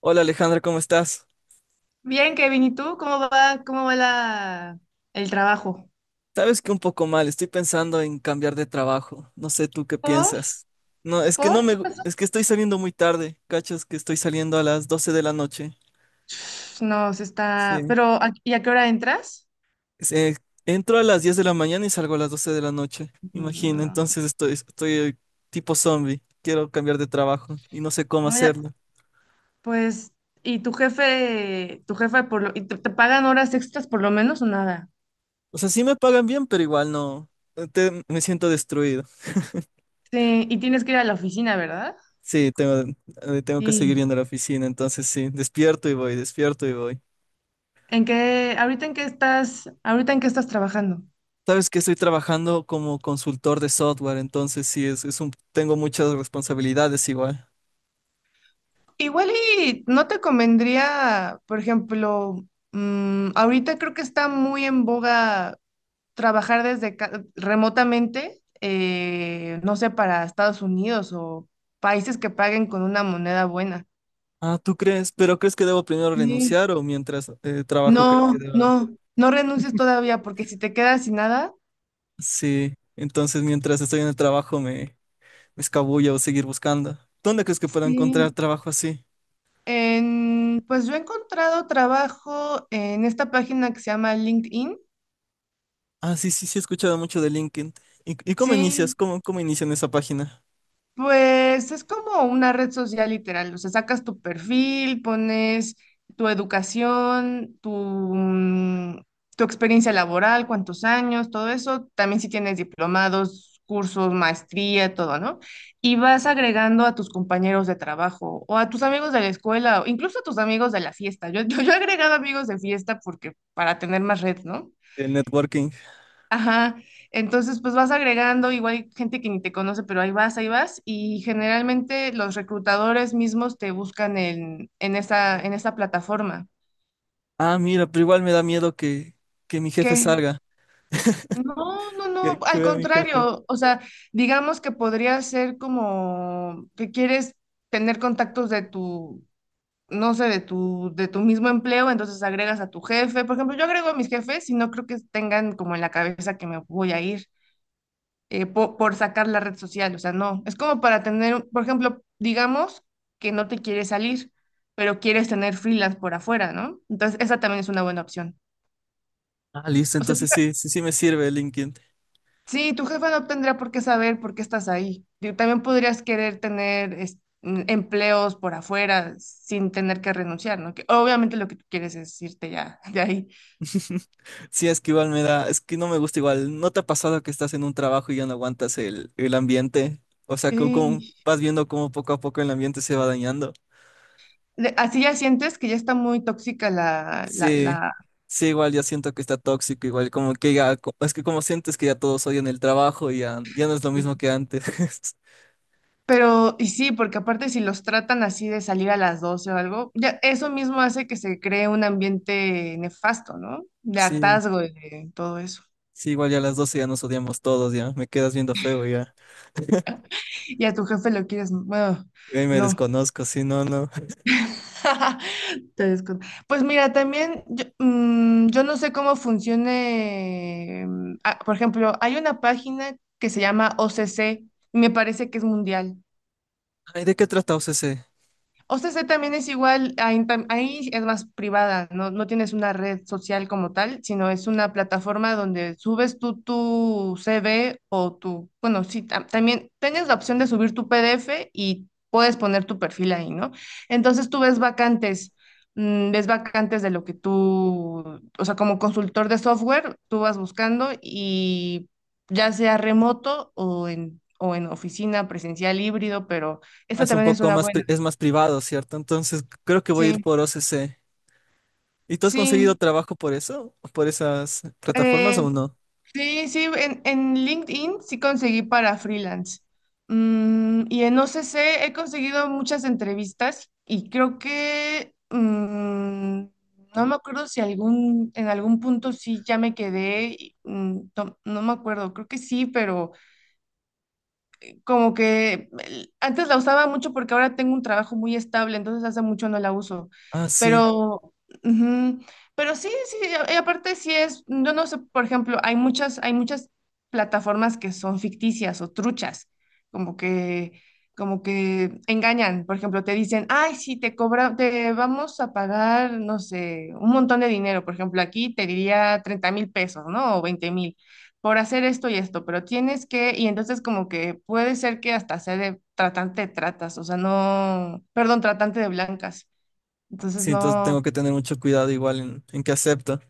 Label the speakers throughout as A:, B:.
A: Hola Alejandra, ¿cómo estás?
B: Bien, Kevin, ¿y tú? Cómo va el trabajo?
A: Sabes que un poco mal, estoy pensando en cambiar de trabajo. No sé tú qué
B: ¿Por?
A: piensas. No, es que no
B: ¿Por?
A: me,
B: ¿Qué pasó?
A: es que estoy saliendo muy tarde, ¿cachas? Que estoy saliendo a las 12 de la noche.
B: No,
A: Sí.
B: pero, ¿y a qué hora entras?
A: Se- Entro a las 10 de la mañana y salgo a las 12 de la noche. Imagina,
B: No,
A: entonces estoy tipo zombie. Quiero cambiar de trabajo y no sé cómo
B: no, ya,
A: hacerlo.
B: pues, ¿y tu jefe y te pagan horas extras por lo menos o nada?
A: O sea, sí me pagan bien, pero igual no. Me siento destruido.
B: Sí, y tienes que ir a la oficina, ¿verdad?
A: Sí, tengo, tengo que seguir
B: Sí.
A: yendo a la oficina, entonces sí, despierto y voy, despierto y voy.
B: ¿En qué, ahorita en qué estás, ahorita en qué estás trabajando?
A: Sabes que estoy trabajando como consultor de software, entonces sí, tengo muchas responsabilidades igual.
B: Igual y no te convendría, por ejemplo, ahorita creo que está muy en boga trabajar desde remotamente, no sé, para Estados Unidos o países que paguen con una moneda buena.
A: Ah, ¿tú crees? ¿Pero crees que debo primero
B: Sí.
A: renunciar o mientras trabajo crees que
B: No,
A: deba?
B: no, no renuncies todavía porque si te quedas sin nada,
A: Sí, entonces mientras estoy en el trabajo me, me escabullo o seguir buscando. ¿Dónde crees que puedo
B: sí.
A: encontrar trabajo así?
B: Pues yo he encontrado trabajo en esta página que se llama LinkedIn.
A: Ah, sí, sí, sí, he escuchado mucho de LinkedIn. ¿Y cómo inicias?
B: Sí,
A: ¿Cómo inician esa página
B: pues es como una red social literal, o sea, sacas tu perfil, pones tu educación, mm, tu experiencia laboral, cuántos años, todo eso, también si tienes diplomados, cursos, maestría, todo, ¿no? Y vas agregando a tus compañeros de trabajo o a tus amigos de la escuela, o incluso a tus amigos de la fiesta. Yo, yo he agregado amigos de fiesta porque para tener más red, ¿no?
A: de networking?
B: Ajá, entonces pues vas agregando, igual hay gente que ni te conoce, pero ahí vas, y generalmente los reclutadores mismos te buscan en esa plataforma.
A: Ah, mira, pero igual me da miedo que mi jefe
B: ¿Qué?
A: salga,
B: No, no, no,
A: que
B: al
A: vea a mi jefe.
B: contrario, o sea, digamos que podría ser como que quieres tener contactos de tu, no sé, de tu mismo empleo, entonces agregas a tu jefe. Por ejemplo, yo agrego a mis jefes y no creo que tengan como en la cabeza que me voy a ir. Por, sacar la red social, o sea, no, es como para tener, por ejemplo, digamos que no te quieres salir, pero quieres tener freelance por afuera, ¿no? Entonces, esa también es una buena opción.
A: Ah, listo,
B: O sea,
A: entonces sí, sí, sí me sirve LinkedIn.
B: sí, tu jefa no tendrá por qué saber por qué estás ahí. Digo, también podrías querer tener empleos por afuera sin tener que renunciar, ¿no? Que obviamente lo que tú quieres es irte ya de ahí.
A: Sí, es que igual me da, es que no me gusta igual. ¿No te ha pasado que estás en un trabajo y ya no aguantas el ambiente? O sea, como,
B: Y
A: vas viendo cómo poco a poco el ambiente se va dañando.
B: así ya sientes que ya está muy tóxica la, la,
A: Sí,
B: la
A: sí, igual ya siento que está tóxico, igual como que ya, es que como sientes que ya todos odian el trabajo y ya, ya no es lo mismo que antes.
B: Pero, y sí, porque aparte si los tratan así de salir a las 12 o algo, ya eso mismo hace que se cree un ambiente nefasto, ¿no? De
A: Sí,
B: hartazgo y de todo eso.
A: sí, igual ya a las 12 ya nos odiamos todos, ya, me quedas viendo feo ya.
B: Y a tu jefe lo quieres, bueno,
A: Ahí me
B: no.
A: desconozco, sí, no, no.
B: Te descon- Pues mira, también yo, yo no sé cómo funcione, por ejemplo, hay una página que se llama OCC, y me parece que es mundial.
A: Ay, ¿de qué trata O C C?
B: O sea, ese también es igual, ahí, ahí es más privada, ¿no? No tienes una red social como tal, sino es una plataforma donde subes tú tu CV o tu, bueno, sí, también tienes la opción de subir tu PDF y puedes poner tu perfil ahí, ¿no? Entonces tú ves vacantes de lo que tú, o sea, como consultor de software, tú vas buscando y ya sea remoto o o en oficina presencial híbrido, pero
A: Ah,
B: esa
A: es un
B: también es
A: poco
B: una
A: más,
B: buena,
A: es más privado, ¿cierto? Entonces creo que voy a ir
B: sí.
A: por O C C. ¿Y tú has conseguido
B: Sí,
A: trabajo por eso? ¿Por esas plataformas
B: eh,
A: o no?
B: sí, sí, en LinkedIn sí conseguí para freelance. Y en OCC he conseguido muchas entrevistas y creo que no me acuerdo si en algún punto sí ya me quedé, y, no, no me acuerdo, creo que sí, pero como que antes la usaba mucho porque ahora tengo un trabajo muy estable, entonces hace mucho no la uso.
A: Ah, sí.
B: Pero, ujú, pero sí, sí, y aparte sí es, yo no sé, por ejemplo, hay muchas plataformas que son ficticias o truchas, como que, como que engañan. Por ejemplo, te dicen, ay, sí, te cobra, te vamos a pagar, no sé, un montón de dinero. Por ejemplo, aquí te diría 30,000 pesos, ¿no? O 20,000 por hacer esto y esto, pero tienes que, y entonces como que puede ser que hasta sea de tratante de tratas, o sea, no, perdón, tratante de blancas. Entonces
A: Sí, entonces
B: no,
A: tengo que tener mucho cuidado igual en qué acepto.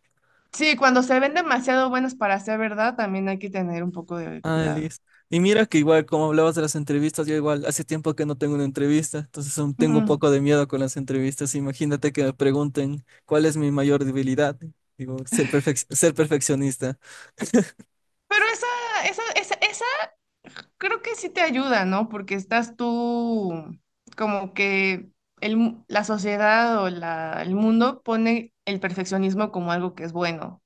B: sí, cuando se ven demasiado buenas para ser verdad, también hay que tener un poco de
A: Ah,
B: cuidado.
A: listo. Y mira que igual, como hablabas de las entrevistas, yo igual hace tiempo que no tengo una entrevista, entonces aún tengo un
B: Ujú.
A: poco de miedo con las entrevistas. Imagínate que me pregunten cuál es mi mayor debilidad. Digo, ser perfeccionista.
B: Pero esa creo que sí te ayuda, ¿no? Porque estás tú como que la sociedad o el mundo pone el perfeccionismo como algo que es bueno.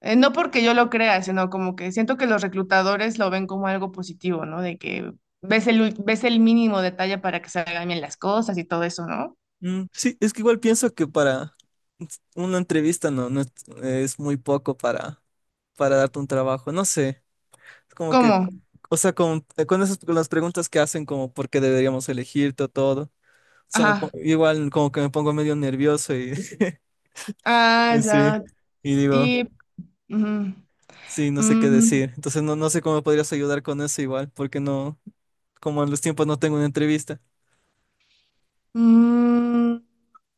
B: No porque yo lo crea, sino como que siento que los reclutadores lo ven como algo positivo, ¿no? De que ves el mínimo detalle para que salgan bien las cosas y todo eso, ¿no?
A: Mm, sí, es que igual pienso que para una entrevista no, no es, es muy poco para darte un trabajo. No sé, es como que.
B: ¿Cómo?
A: O sea, con esas con las preguntas que hacen como por qué deberíamos elegir todo, todo. O sea,
B: Ajá.
A: igual como que me pongo medio nervioso y
B: Ah,
A: sí,
B: ya.
A: y digo,
B: Y... Ujú.
A: sí, no sé qué
B: Mm,
A: decir. Entonces no, no sé cómo me podrías ayudar con eso igual, porque no, como en los tiempos no tengo una entrevista.
B: mm,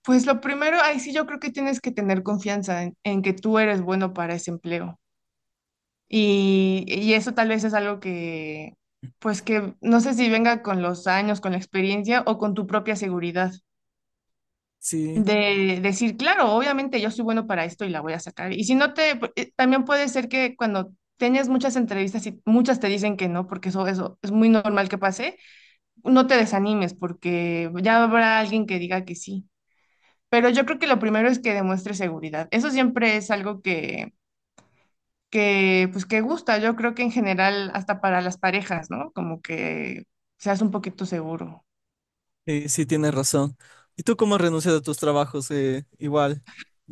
B: pues lo primero, ahí sí yo creo que tienes que tener confianza en que tú eres bueno para ese empleo. Y eso tal vez es algo que, pues que no sé si venga con los años, con la experiencia o con tu propia seguridad.
A: Sí,
B: De decir, claro, obviamente yo soy bueno para esto y la voy a sacar. Y si no te, también puede ser que cuando tengas muchas entrevistas y muchas te dicen que no, porque eso es muy normal que pase, no te desanimes porque ya habrá alguien que diga que sí. Pero yo creo que lo primero es que demuestres seguridad. Eso siempre es algo que, pues, que gusta. Yo creo que en general, hasta para las parejas, ¿no? Como que seas un poquito seguro.
A: sí, sí tienes razón. ¿Y tú cómo renuncias a tus trabajos? Igual,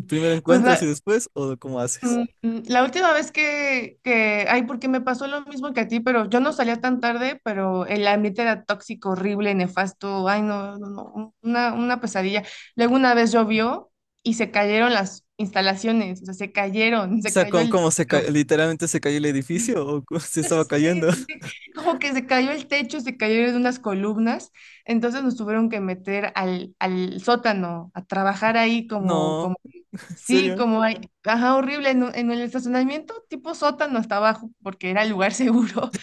A: ¿primero
B: Pues
A: encuentras y
B: la-
A: después o cómo haces?
B: La última vez ay, porque me pasó lo mismo que a ti, pero yo no salía tan tarde, pero el ambiente era tóxico, horrible, nefasto, ay, no, no, no, una pesadilla. Luego una vez llovió y se cayeron las instalaciones, o sea, se cayeron,
A: O
B: se
A: sea,
B: cayó
A: ¿cómo,
B: el
A: cómo
B: techo.
A: literalmente se cayó el edificio o se estaba
B: Sí,
A: cayendo?
B: sí, como que se cayó el techo, se cayeron unas columnas, entonces nos tuvieron que meter al sótano a trabajar ahí como,
A: No,
B: como
A: ¿en
B: Sí,
A: serio?
B: como hay, ajá, horrible, en el estacionamiento tipo sótano hasta abajo, porque era el lugar seguro.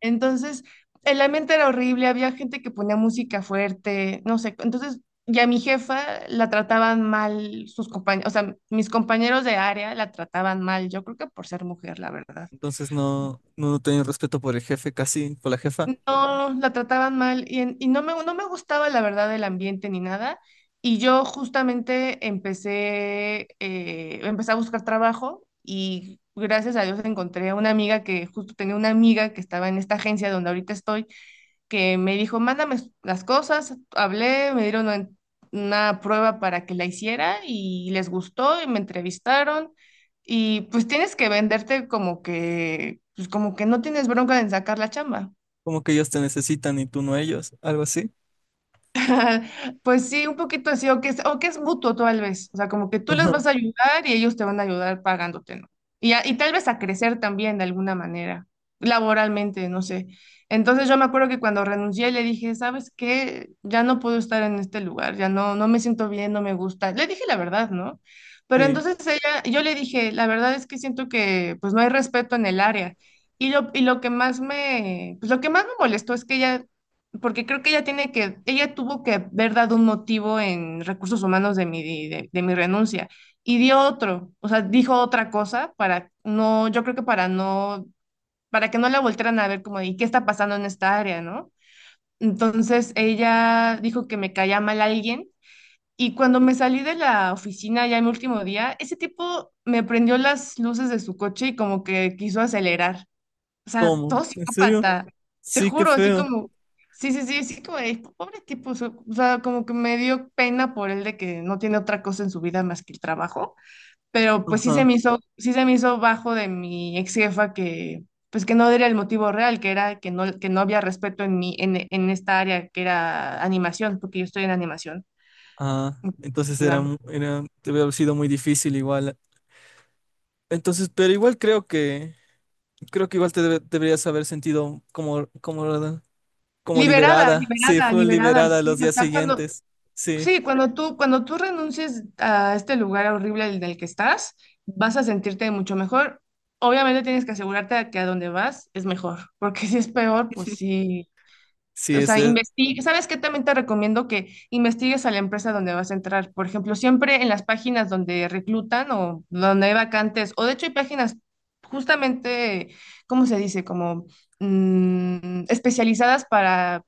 B: Entonces, el ambiente era horrible, había gente que ponía música fuerte, no sé. Entonces, ya mi jefa la trataban mal sus compañeros, o sea, mis compañeros de área la trataban mal, yo creo que por ser mujer, la verdad.
A: Entonces no, no tenía respeto por el jefe casi, por la jefa.
B: No, la trataban mal y, y no me, no me gustaba la verdad el ambiente ni nada. Y yo justamente empecé a buscar trabajo y gracias a Dios encontré a una amiga que justo tenía una amiga que estaba en esta agencia donde ahorita estoy, que me dijo, mándame las cosas. Hablé, me dieron una prueba para que la hiciera y les gustó y me entrevistaron. Y pues tienes que venderte como que, pues como que no tienes bronca en sacar la chamba.
A: Como que ellos te necesitan y tú no a ellos, algo así.
B: Pues sí, un poquito así, o que es mutuo tal vez, o sea, como que tú les
A: Ajá,
B: vas a ayudar y ellos te van a ayudar pagándote, ¿no? Y y tal vez a crecer también de alguna manera, laboralmente, no sé. Entonces yo me acuerdo que cuando renuncié le dije, ¿sabes qué? Ya no puedo estar en este lugar, ya no, no me siento bien, no me gusta. Le dije la verdad, ¿no? Pero
A: sí.
B: entonces ella, yo le dije, la verdad es que siento que pues no hay respeto en el área. Y lo que más me molestó es que ella porque creo que ella ella tuvo que haber dado un motivo en recursos humanos de de mi renuncia y dio otro, o sea, dijo otra cosa para no, yo creo que para que no la voltearan a ver como, ¿y qué está pasando en esta área, no? Entonces ella dijo que me caía mal alguien y cuando me salí de la oficina ya en mi último día, ese tipo me prendió las luces de su coche y como que quiso acelerar. O sea,
A: ¿Cómo?
B: todo
A: ¿En serio?
B: psicópata. Te
A: Sí, qué
B: juro, así
A: feo.
B: como, sí, sí, sí, sí, pobre tipo, o sea, como que me dio pena por él de que no tiene otra cosa en su vida más que el trabajo, pero pues
A: Ajá.
B: sí se me hizo bajo de mi ex jefa que, pues que no era el motivo real, que era que no había respeto en esta área que era animación, porque yo estoy en animación.
A: Ah, entonces era,
B: Ya.
A: era, debe haber sido muy difícil igual. Entonces, pero igual creo que igual te deberías haber sentido como, como, como
B: Liberada,
A: liberada. Sí,
B: liberada,
A: fue
B: liberada,
A: liberada
B: sí,
A: los
B: o
A: días
B: sea, cuando,
A: siguientes. Sí,
B: sí, cuando tú renuncies a este lugar horrible en el que estás, vas a sentirte mucho mejor. Obviamente tienes que asegurarte de que a donde vas es mejor, porque si es peor, pues sí.
A: sí,
B: O
A: es
B: sea,
A: es
B: investiga. ¿Sabes qué? También te recomiendo que investigues a la empresa donde vas a entrar. Por ejemplo, siempre en las páginas donde reclutan o donde hay vacantes, o de hecho hay páginas justamente, ¿cómo se dice? Como especializadas para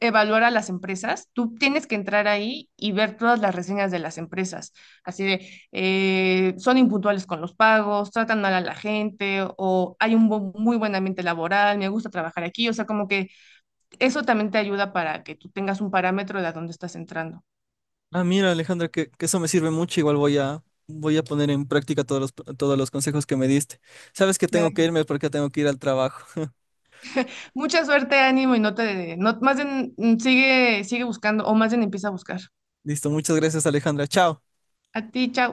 B: evaluar a las empresas, tú tienes que entrar ahí y ver todas las reseñas de las empresas. Así de, son impuntuales con los pagos, tratan mal a la gente o hay muy buen ambiente laboral, me gusta trabajar aquí. O sea, como que eso también te ayuda para que tú tengas un parámetro de a dónde estás entrando.
A: Ah, mira, Alejandra, que eso me sirve mucho. Igual voy a, voy a poner en práctica todos los consejos que me diste. Sabes que
B: Me
A: tengo
B: da
A: que irme porque tengo que ir al trabajo.
B: Mucha suerte, ánimo y no, más bien sigue buscando o más bien empieza a buscar.
A: Listo, muchas gracias, Alejandra. Chao.
B: A ti, chao.